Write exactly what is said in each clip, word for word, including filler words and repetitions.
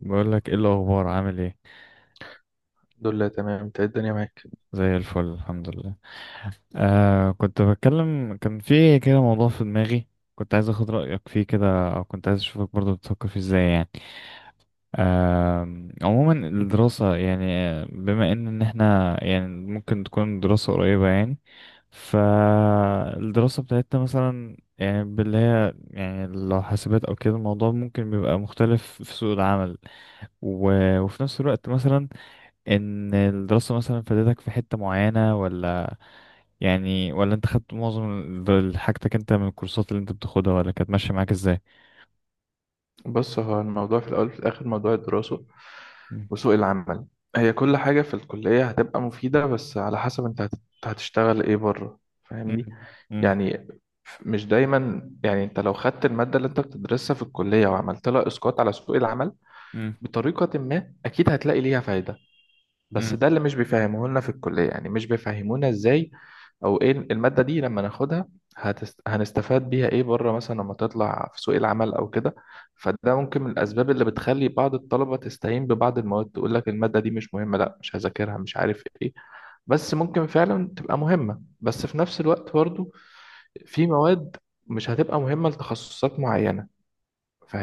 بقول لك ايه؟ الاخبار، عامل ايه؟ الحمد لله تمام، انت ايه الدنيا معاك؟ زي الفل، الحمد لله. آه كنت بتكلم، كان في كده موضوع في دماغي. كنت عايز اخد رايك فيه كده، او كنت عايز اشوفك برضو بتفكر فيه ازاي يعني. آه عموما الدراسه يعني، آه، بما ان إن احنا يعني ممكن تكون دراسه قريبه يعني. فالدراسه بتاعتنا مثلا، يعني باللي هي يعني، لو حاسبات او كده الموضوع ممكن بيبقى مختلف في سوق العمل. و... وفي نفس الوقت مثلا، ان الدراسة مثلا فادتك في حتة معينة ولا، يعني، ولا انت خدت معظم ال- حاجتك انت من الكورسات اللي انت بتاخدها، ولا كانت ماشية معاك ازاي؟ بص، هو الموضوع في الاول وفي الاخر موضوع الدراسه مم. وسوق العمل. هي كل حاجه في الكليه هتبقى مفيده، بس على حسب انت هت- انت هتشتغل ايه بره. مم. فاهمني مم. يعني؟ ف- مش دايما يعني انت لو خدت الماده اللي انت بتدرسها في الكليه وعملت لها اسقاط على سوق العمل بطريقه ما، اكيد هتلاقي ليها فايده. بس مم. ده اللي مش بيفهموه لنا في الكلية، يعني مش بيفهمونا ازاي او ايه المادة دي لما ناخدها هتست... هنستفاد بيها ايه بره مثلا لما تطلع في سوق العمل او كده. فده ممكن من الاسباب اللي بتخلي بعض الطلبة تستهين ببعض المواد، تقول لك المادة دي مش مهمة، لا مش هذاكرها، مش عارف ايه. بس ممكن فعلا تبقى مهمة. بس في نفس الوقت برضو في مواد مش هتبقى مهمة لتخصصات معينة،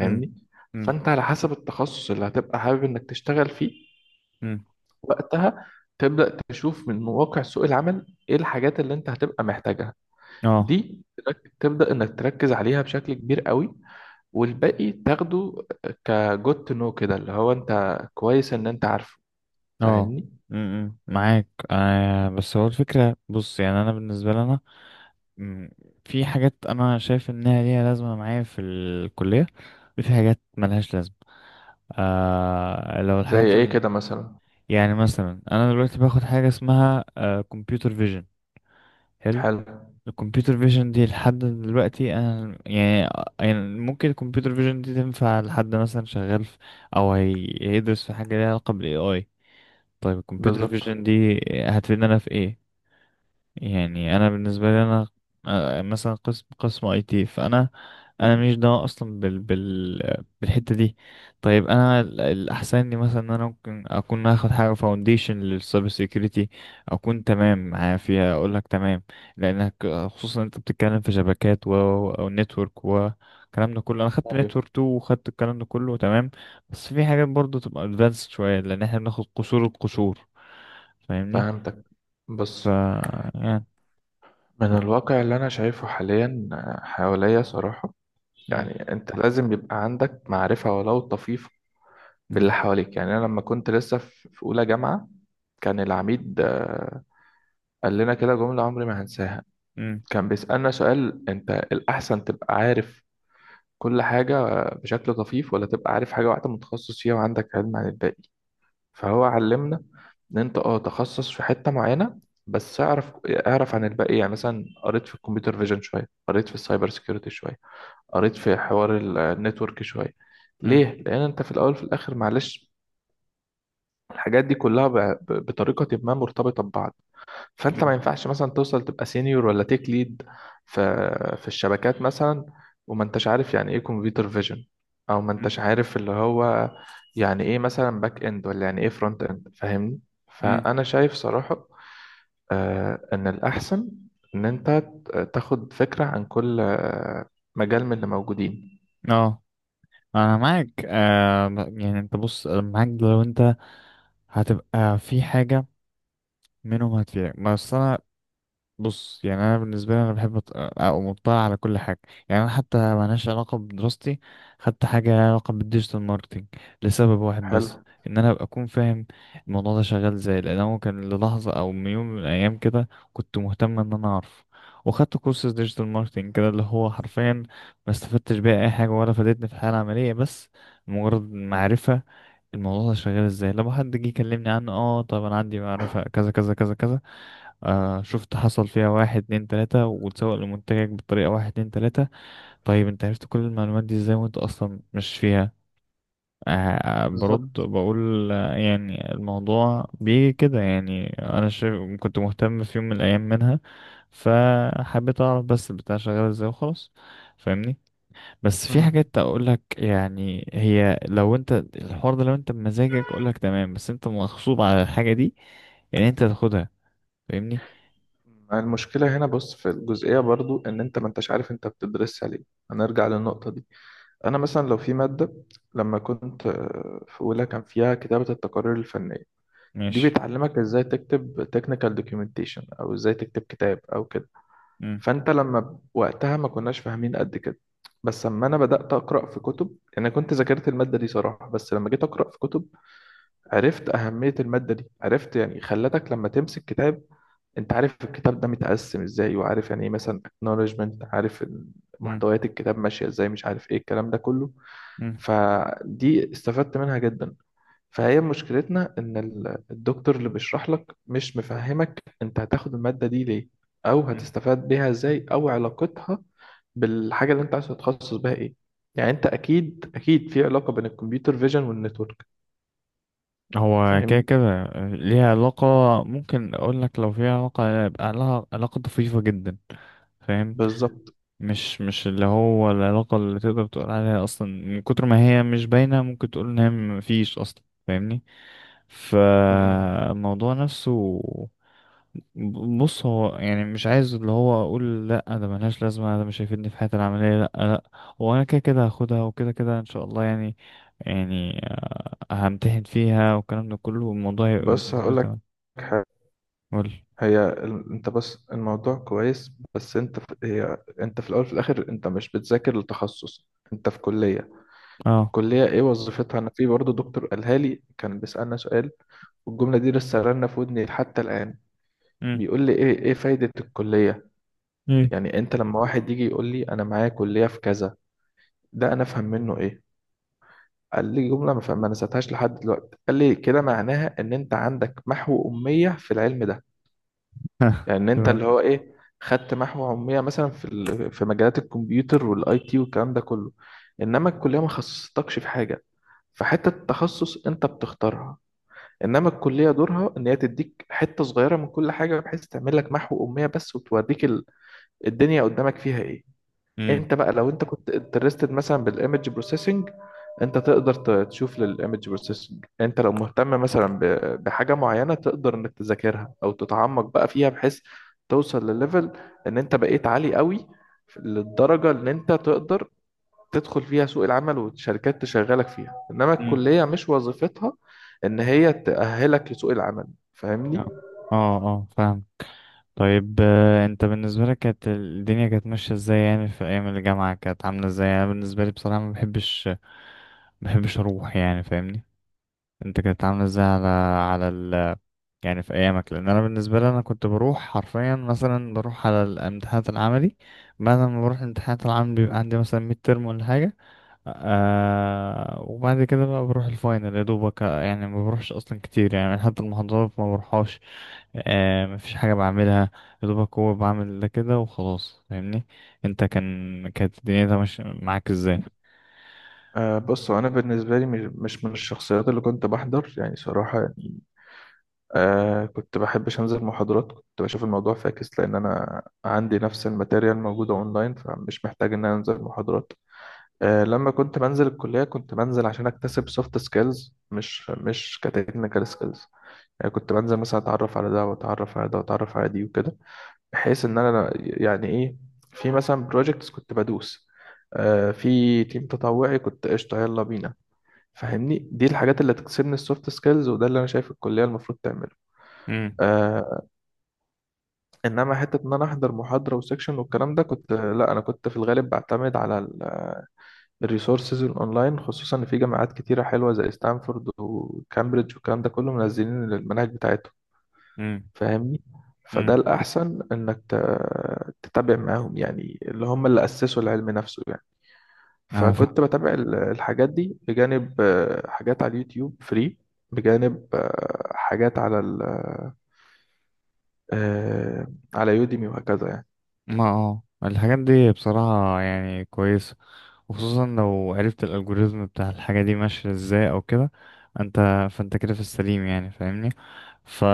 مم. مم. فانت على حسب التخصص اللي هتبقى حابب انك تشتغل فيه، مم. وقتها تبدأ تشوف من واقع سوق العمل ايه الحاجات اللي انت هتبقى محتاجها. اه. دي ترك- تبدأ انك تركز عليها بشكل كبير قوي، والباقي تاخده كجود تو نو، كده اللي هو انت كويس ان انت عارفه. اه. فاهمني؟ مم. مم. معاك، آه، بس هو الفكرة، بص، يعني انا بالنسبة لي انا، مم، في حاجات انا شايف انها ليها لازمة معايا في الكلية، وفي حاجات ملهاش لازمة. آه، لو زي الحاجات، ايه كده مثلا؟ يعني مثلا انا دلوقتي باخد حاجه اسمها كمبيوتر فيجن. حلو. حلو. الكمبيوتر فيجن دي لحد دلوقتي انا يعني, يعني ممكن الكمبيوتر فيجن دي تنفع لحد مثلا شغال في، او هي- هيدرس في حاجه ليها علاقه بالاي اي. طيب الكمبيوتر بالظبط. فيجن دي هتفيدنا في ايه؟ يعني انا بالنسبه لي انا، آه، مثلا قسم قسم اي تي، فانا انا مش ده اصلا بال بال بالحته دي. طيب انا ال- الاحسن لي مثلا ان انا ممكن اكون اخد حاجه فاونديشن للسايبر سيكيورتي، اكون تمام معايا فيها اقول لك تمام، لانك خصوصا انت بتتكلم في شبكات و، او نتورك و، الكلام ده كله، انا خدت ايوه. نتورك تو وخدت الكلام ده كله تمام. بس في حاجات برضه تبقى ادفانسد شويه، لان احنا بناخد قشور القشور. فاهمني؟ فهمتك. ف بص، يعني. من الواقع اللي انا شايفه حاليا آه، حواليا صراحة، مم. يعني انت لازم يبقى عندك معرفة ولو طفيفة باللي مم. حواليك. يعني انا لما كنت لسه في في اولى جامعه، كان العميد، آه، قال لنا كده جمله عمري ما هنساها. مم. كان بيسالنا سؤال، انت الاحسن تبقى عارف كل حاجه آه، بشكل طفيف، ولا تبقى عارف حاجه واحده متخصص فيها وعندك علم عن الباقي. فهو علمنا ان انت اه تخصص في حته معينه، بس اعرف، اعرف عن الباقي. يعني مثلا قريت في الكمبيوتر فيجن شويه، قريت في السايبر سيكيورتي شويه، قريت في حوار النتورك شويه. مم. ليه؟ لان انت في الاول في الاخر معلش، الحاجات دي كلها ب- ب- بطريقة ما مرتبطة ببعض. فأنت ما مم. ينفعش مثلا توصل تبقى سينيور ولا تيك ليد في في الشبكات مثلا، وما انتش عارف يعني ايه كمبيوتر فيجن، او ما انتش مم. عارف اللي هو يعني ايه مثلا باك اند، ولا يعني ايه فرونت اند. فاهمني؟ مم. فأنا شايف صراحة آه، ان الأحسن ان انت ت- تاخد فكرة عن كل آه، مجال من اللي موجودين. اه. انا معاك، آه ب- يعني انت، بص، أنا معاك لو انت هتبقى في حاجة منهم هتفيدك، بس انا، بص، يعني انا بالنسبه لي انا بحب أط- اقوم مطلع على كل حاجه. يعني انا حتى ملهاش علاقه بدراستي، خدت حاجه لها علاقه بالديجيتال ماركتنج لسبب واحد حلو. بس، ان انا ابقى اكون فاهم الموضوع ده شغال ازاي، لان هو كان للحظه، او من يوم من الايام كده، كنت مهتم ان انا اعرف. وخدت كورس ديجيتال ماركتنج كده، اللي هو حرفيا ما استفدتش بيه اي حاجه ولا فادتني في الحياه العمليه، بس مجرد معرفه الموضوع ده شغال ازاي لما حد جه يكلمني عنه. اه، طب انا عندي معرفة كذا كذا كذا كذا. آه، شفت حصل فيها واحد اتنين تلاتة وتسوق لمنتجك بطريقة واحد اتنين تلاتة. طيب انت عرفت كل المعلومات دي ازاي وانت اصلا مش فيها؟ آه برد بالظبط. بقول آه، يعني الموضوع بيجي كده، يعني انا شايف كنت مهتم في يوم من الايام منها، فحبيت اعرف بس البتاع شغال ازاي وخلاص. فاهمني؟ بس في مم. حاجات اقول لك، يعني، هي لو انت الحوار ده لو انت بمزاجك اقول لك تمام، بس انت مغصوب على الحاجة دي، يعني انت تاخدها. فاهمني؟ المشكلة هنا بص في الجزئية برضو، إن أنت ما أنتش عارف أنت بتدرسها ليه. هنرجع للنقطة دي. أنا مثلا لو في مادة، لما كنت آه، في أولى، كان فيها كتابة التقارير الفنية، دي ماشي. بتعلمك إزاي تكتب technical documentation أو إزاي تكتب كتاب أو كده. فأنت لما ب- وقتها ما كناش فاهمين قد كده، بس لما أنا بدأت أقرأ في كتب، يعني أنا كنت ذاكرت المادة دي صراحة، بس لما جيت أقرأ في كتب عرفت أهمية المادة دي، عرفت يعني، خلتك لما تمسك كتاب انت عارف الكتاب ده متقسم ازاي، وعارف يعني ايه مثلا acknowledgement، عارف مم. محتويات الكتاب ماشية ازاي، مش عارف ايه الكلام ده كله. مم. فدي استفدت منها جدا. فهي مشكلتنا ان ال- الدكتور اللي بيشرح لك مش مفهمك انت هتاخد المادة دي ليه، او مم. هتستفاد بيها ازاي، او علاقتها بالحاجة اللي انت عايز تتخصص بها ايه. يعني انت اكيد اكيد في علاقة بين الكمبيوتر فيجن والنتورك. هو كده فاهمني؟ كده ليها علاقة. ممكن أقول لك لو فيها علاقة يبقى لها علاقة طفيفة جدا. فاهم؟ بالظبط. مش مش اللي هو العلاقة اللي تقدر تقول عليها، أصلا من كتر ما هي مش باينة ممكن تقول إن هي مفيش أصلا. فاهمني؟ مم. فالموضوع نفسه، ب- بص، هو يعني مش عايز اللي هو أقول لأ ده ملهاش لازمة، ده مش هيفيدني في حياتي العملية. لأ، لأ، هو أنا كده كده هاخدها وكده كده إن شاء الله، يعني، يعني همتحن فيها والكلام ده كله، والموضوع هيبقى بص بالنسبة لي هقول لك، تمام. قول. هي ال- انت بس الموضوع كويس، بس انت في... هي انت في الاول في الاخر انت مش بتذاكر التخصص، انت في كلية. اه. الكلية ايه وظيفتها؟ انا في برضه دكتور قالها لي، كان بيسألنا سؤال، والجملة دي لسه رنة في ودني حتى الآن. امم. بيقول لي ايه ايه فايدة الكلية؟ امم. يعني انت لما واحد يجي يقول لي انا معايا كلية في كذا، ده انا افهم منه ايه؟ قال لي جملة ما فهم- ما نسيتهاش لحد دلوقتي. قال لي كده معناها ان انت عندك محو أمية في العلم ده، يعني ان انت تمام. اللي هو ايه، خدت محو علميه مثلا في ال- في مجالات الكمبيوتر والاي تي والكلام ده كله. انما الكليه ما خصصتكش في حاجه، فحته التخصص انت بتختارها. انما الكليه دورها ان هي تديك حته صغيره من كل حاجه، بحيث تعمل لك محو اميه بس، وتوريك ال- الدنيا قدامك فيها ايه. امم. انت بقى لو انت كنت انترستد مثلا بالايمج بروسيسنج، انت تقدر ت- تشوف للايمج بروسيسنج. انت لو مهتم مثلا ب- بحاجه معينه، تقدر انك تذاكرها او تتعمق بقى فيها، بحيث توصل لليفل ان انت بقيت عالي قوي، للدرجه ان انت تقدر تدخل فيها سوق العمل والشركات تشغلك فيها. انما امم. الكليه مش وظيفتها ان هي تأهلك لسوق العمل. فاهمني؟ اه. اه. آه، فاهم. طيب، آه، انت بالنسبة لك كانت الدنيا كانت ماشية ازاي يعني في ايام الجامعة؟ كانت عاملة ازاي؟ انا بالنسبة لي بصراحة ما بحبش ما بحبش اروح، يعني، فاهمني؟ انت كانت عاملة ازاي على على ال... يعني في ايامك؟ لان انا بالنسبة لي انا كنت بروح حرفيا مثلا بروح على الامتحانات العملي، بعد ما بروح الامتحانات العملي بيبقى عندي مثلا ميد ترم ولا حاجة. آه وبعد كده بقى بروح الفاينل يا دوبك. آه، يعني ما بروحش اصلا كتير، يعني حتى المحاضرات ما بروحهاش. آه ما فيش حاجه بعملها، يا دوبك هو بعمل ده كده وخلاص. فاهمني؟ انت كان كانت الدنيا ماشيه معاك ازاي؟ آه بص، انا بالنسبه لي مش مش من الشخصيات اللي كنت بحضر يعني صراحه يعني. آه كنت بحبش أنزل محاضرات، كنت بشوف الموضوع فاكس، لأن أنا عندي نفس الماتيريال موجودة أونلاين، فمش محتاج إن أنا أنزل محاضرات. آه لما كنت بنزل الكلية كنت بنزل عشان أكتسب سوفت سكيلز، مش مش كتكنيكال سكيلز. يعني كنت بنزل مثلا أتعرف على ده، وأتعرف على ده، وأتعرف على دي، وكده، بحيث إن أنا يعني إيه، في مثلا بروجكتس كنت بدوس، آه في تيم تطوعي كنت قشطة يلا بينا. فاهمني؟ دي الحاجات اللي تكسبني السوفت سكيلز، وده اللي أنا شايف الكلية المفروض تعمله. امم. آه، انما حته ان انا احضر محاضره وسكشن والكلام ده، كنت لا، انا كنت في الغالب بعتمد على الريسورسز الاونلاين، خصوصا ان في جامعات كتيره حلوه زي ستانفورد وكامبريدج والكلام ده كله منزلين المناهج بتاعتهم. امم. فاهمني؟ فده امم. الاحسن انك ت- تتابع معاهم، يعني اللي هم اللي اسسوا العلم نفسه يعني. انا فاهم. فكنت بتابع ال- الحاجات دي، بجانب آه، حاجات على اليوتيوب فري، بجانب آه، حاجات على ال- آه، على يوديمي، وهكذا يعني. ما اه الحاجات دي بصراحة يعني كويسة، وخصوصا لو عرفت الالجوريزم بتاع الحاجة دي ماشية ازاي او كده. انت فانت كده في السليم، يعني، فاهمني؟ ف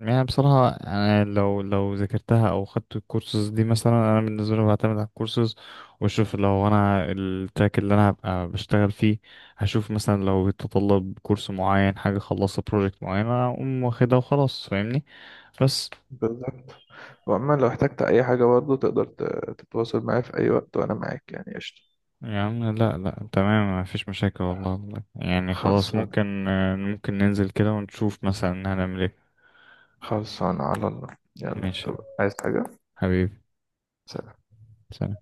يعني بصراحة أنا لو لو ذاكرتها أو خدت الكورسز دي، مثلا أنا بالنسبة لي بعتمد على الكورسز وأشوف لو أنا التراك اللي أنا هبقى بشتغل فيه، هشوف مثلا لو يتطلب كورس معين حاجة، خلصت بروجكت معين أنا أقوم واخدها وخلاص. فاهمني؟ بس بالظبط. وعموما لو احتجت أي حاجة برضه تقدر ت- تتواصل معايا في أي وقت وأنا معاك يعني قشطة. يعني، لا لا تمام، مفيش مشاكل والله. والله يعني خلاص، خلصان. ممكن ممكن ننزل كده ونشوف مثلا هنعمل ايه. خلصان على الله. يلا ماشي. طب، عايز حاجة؟ حبيبي. سلام. سلام.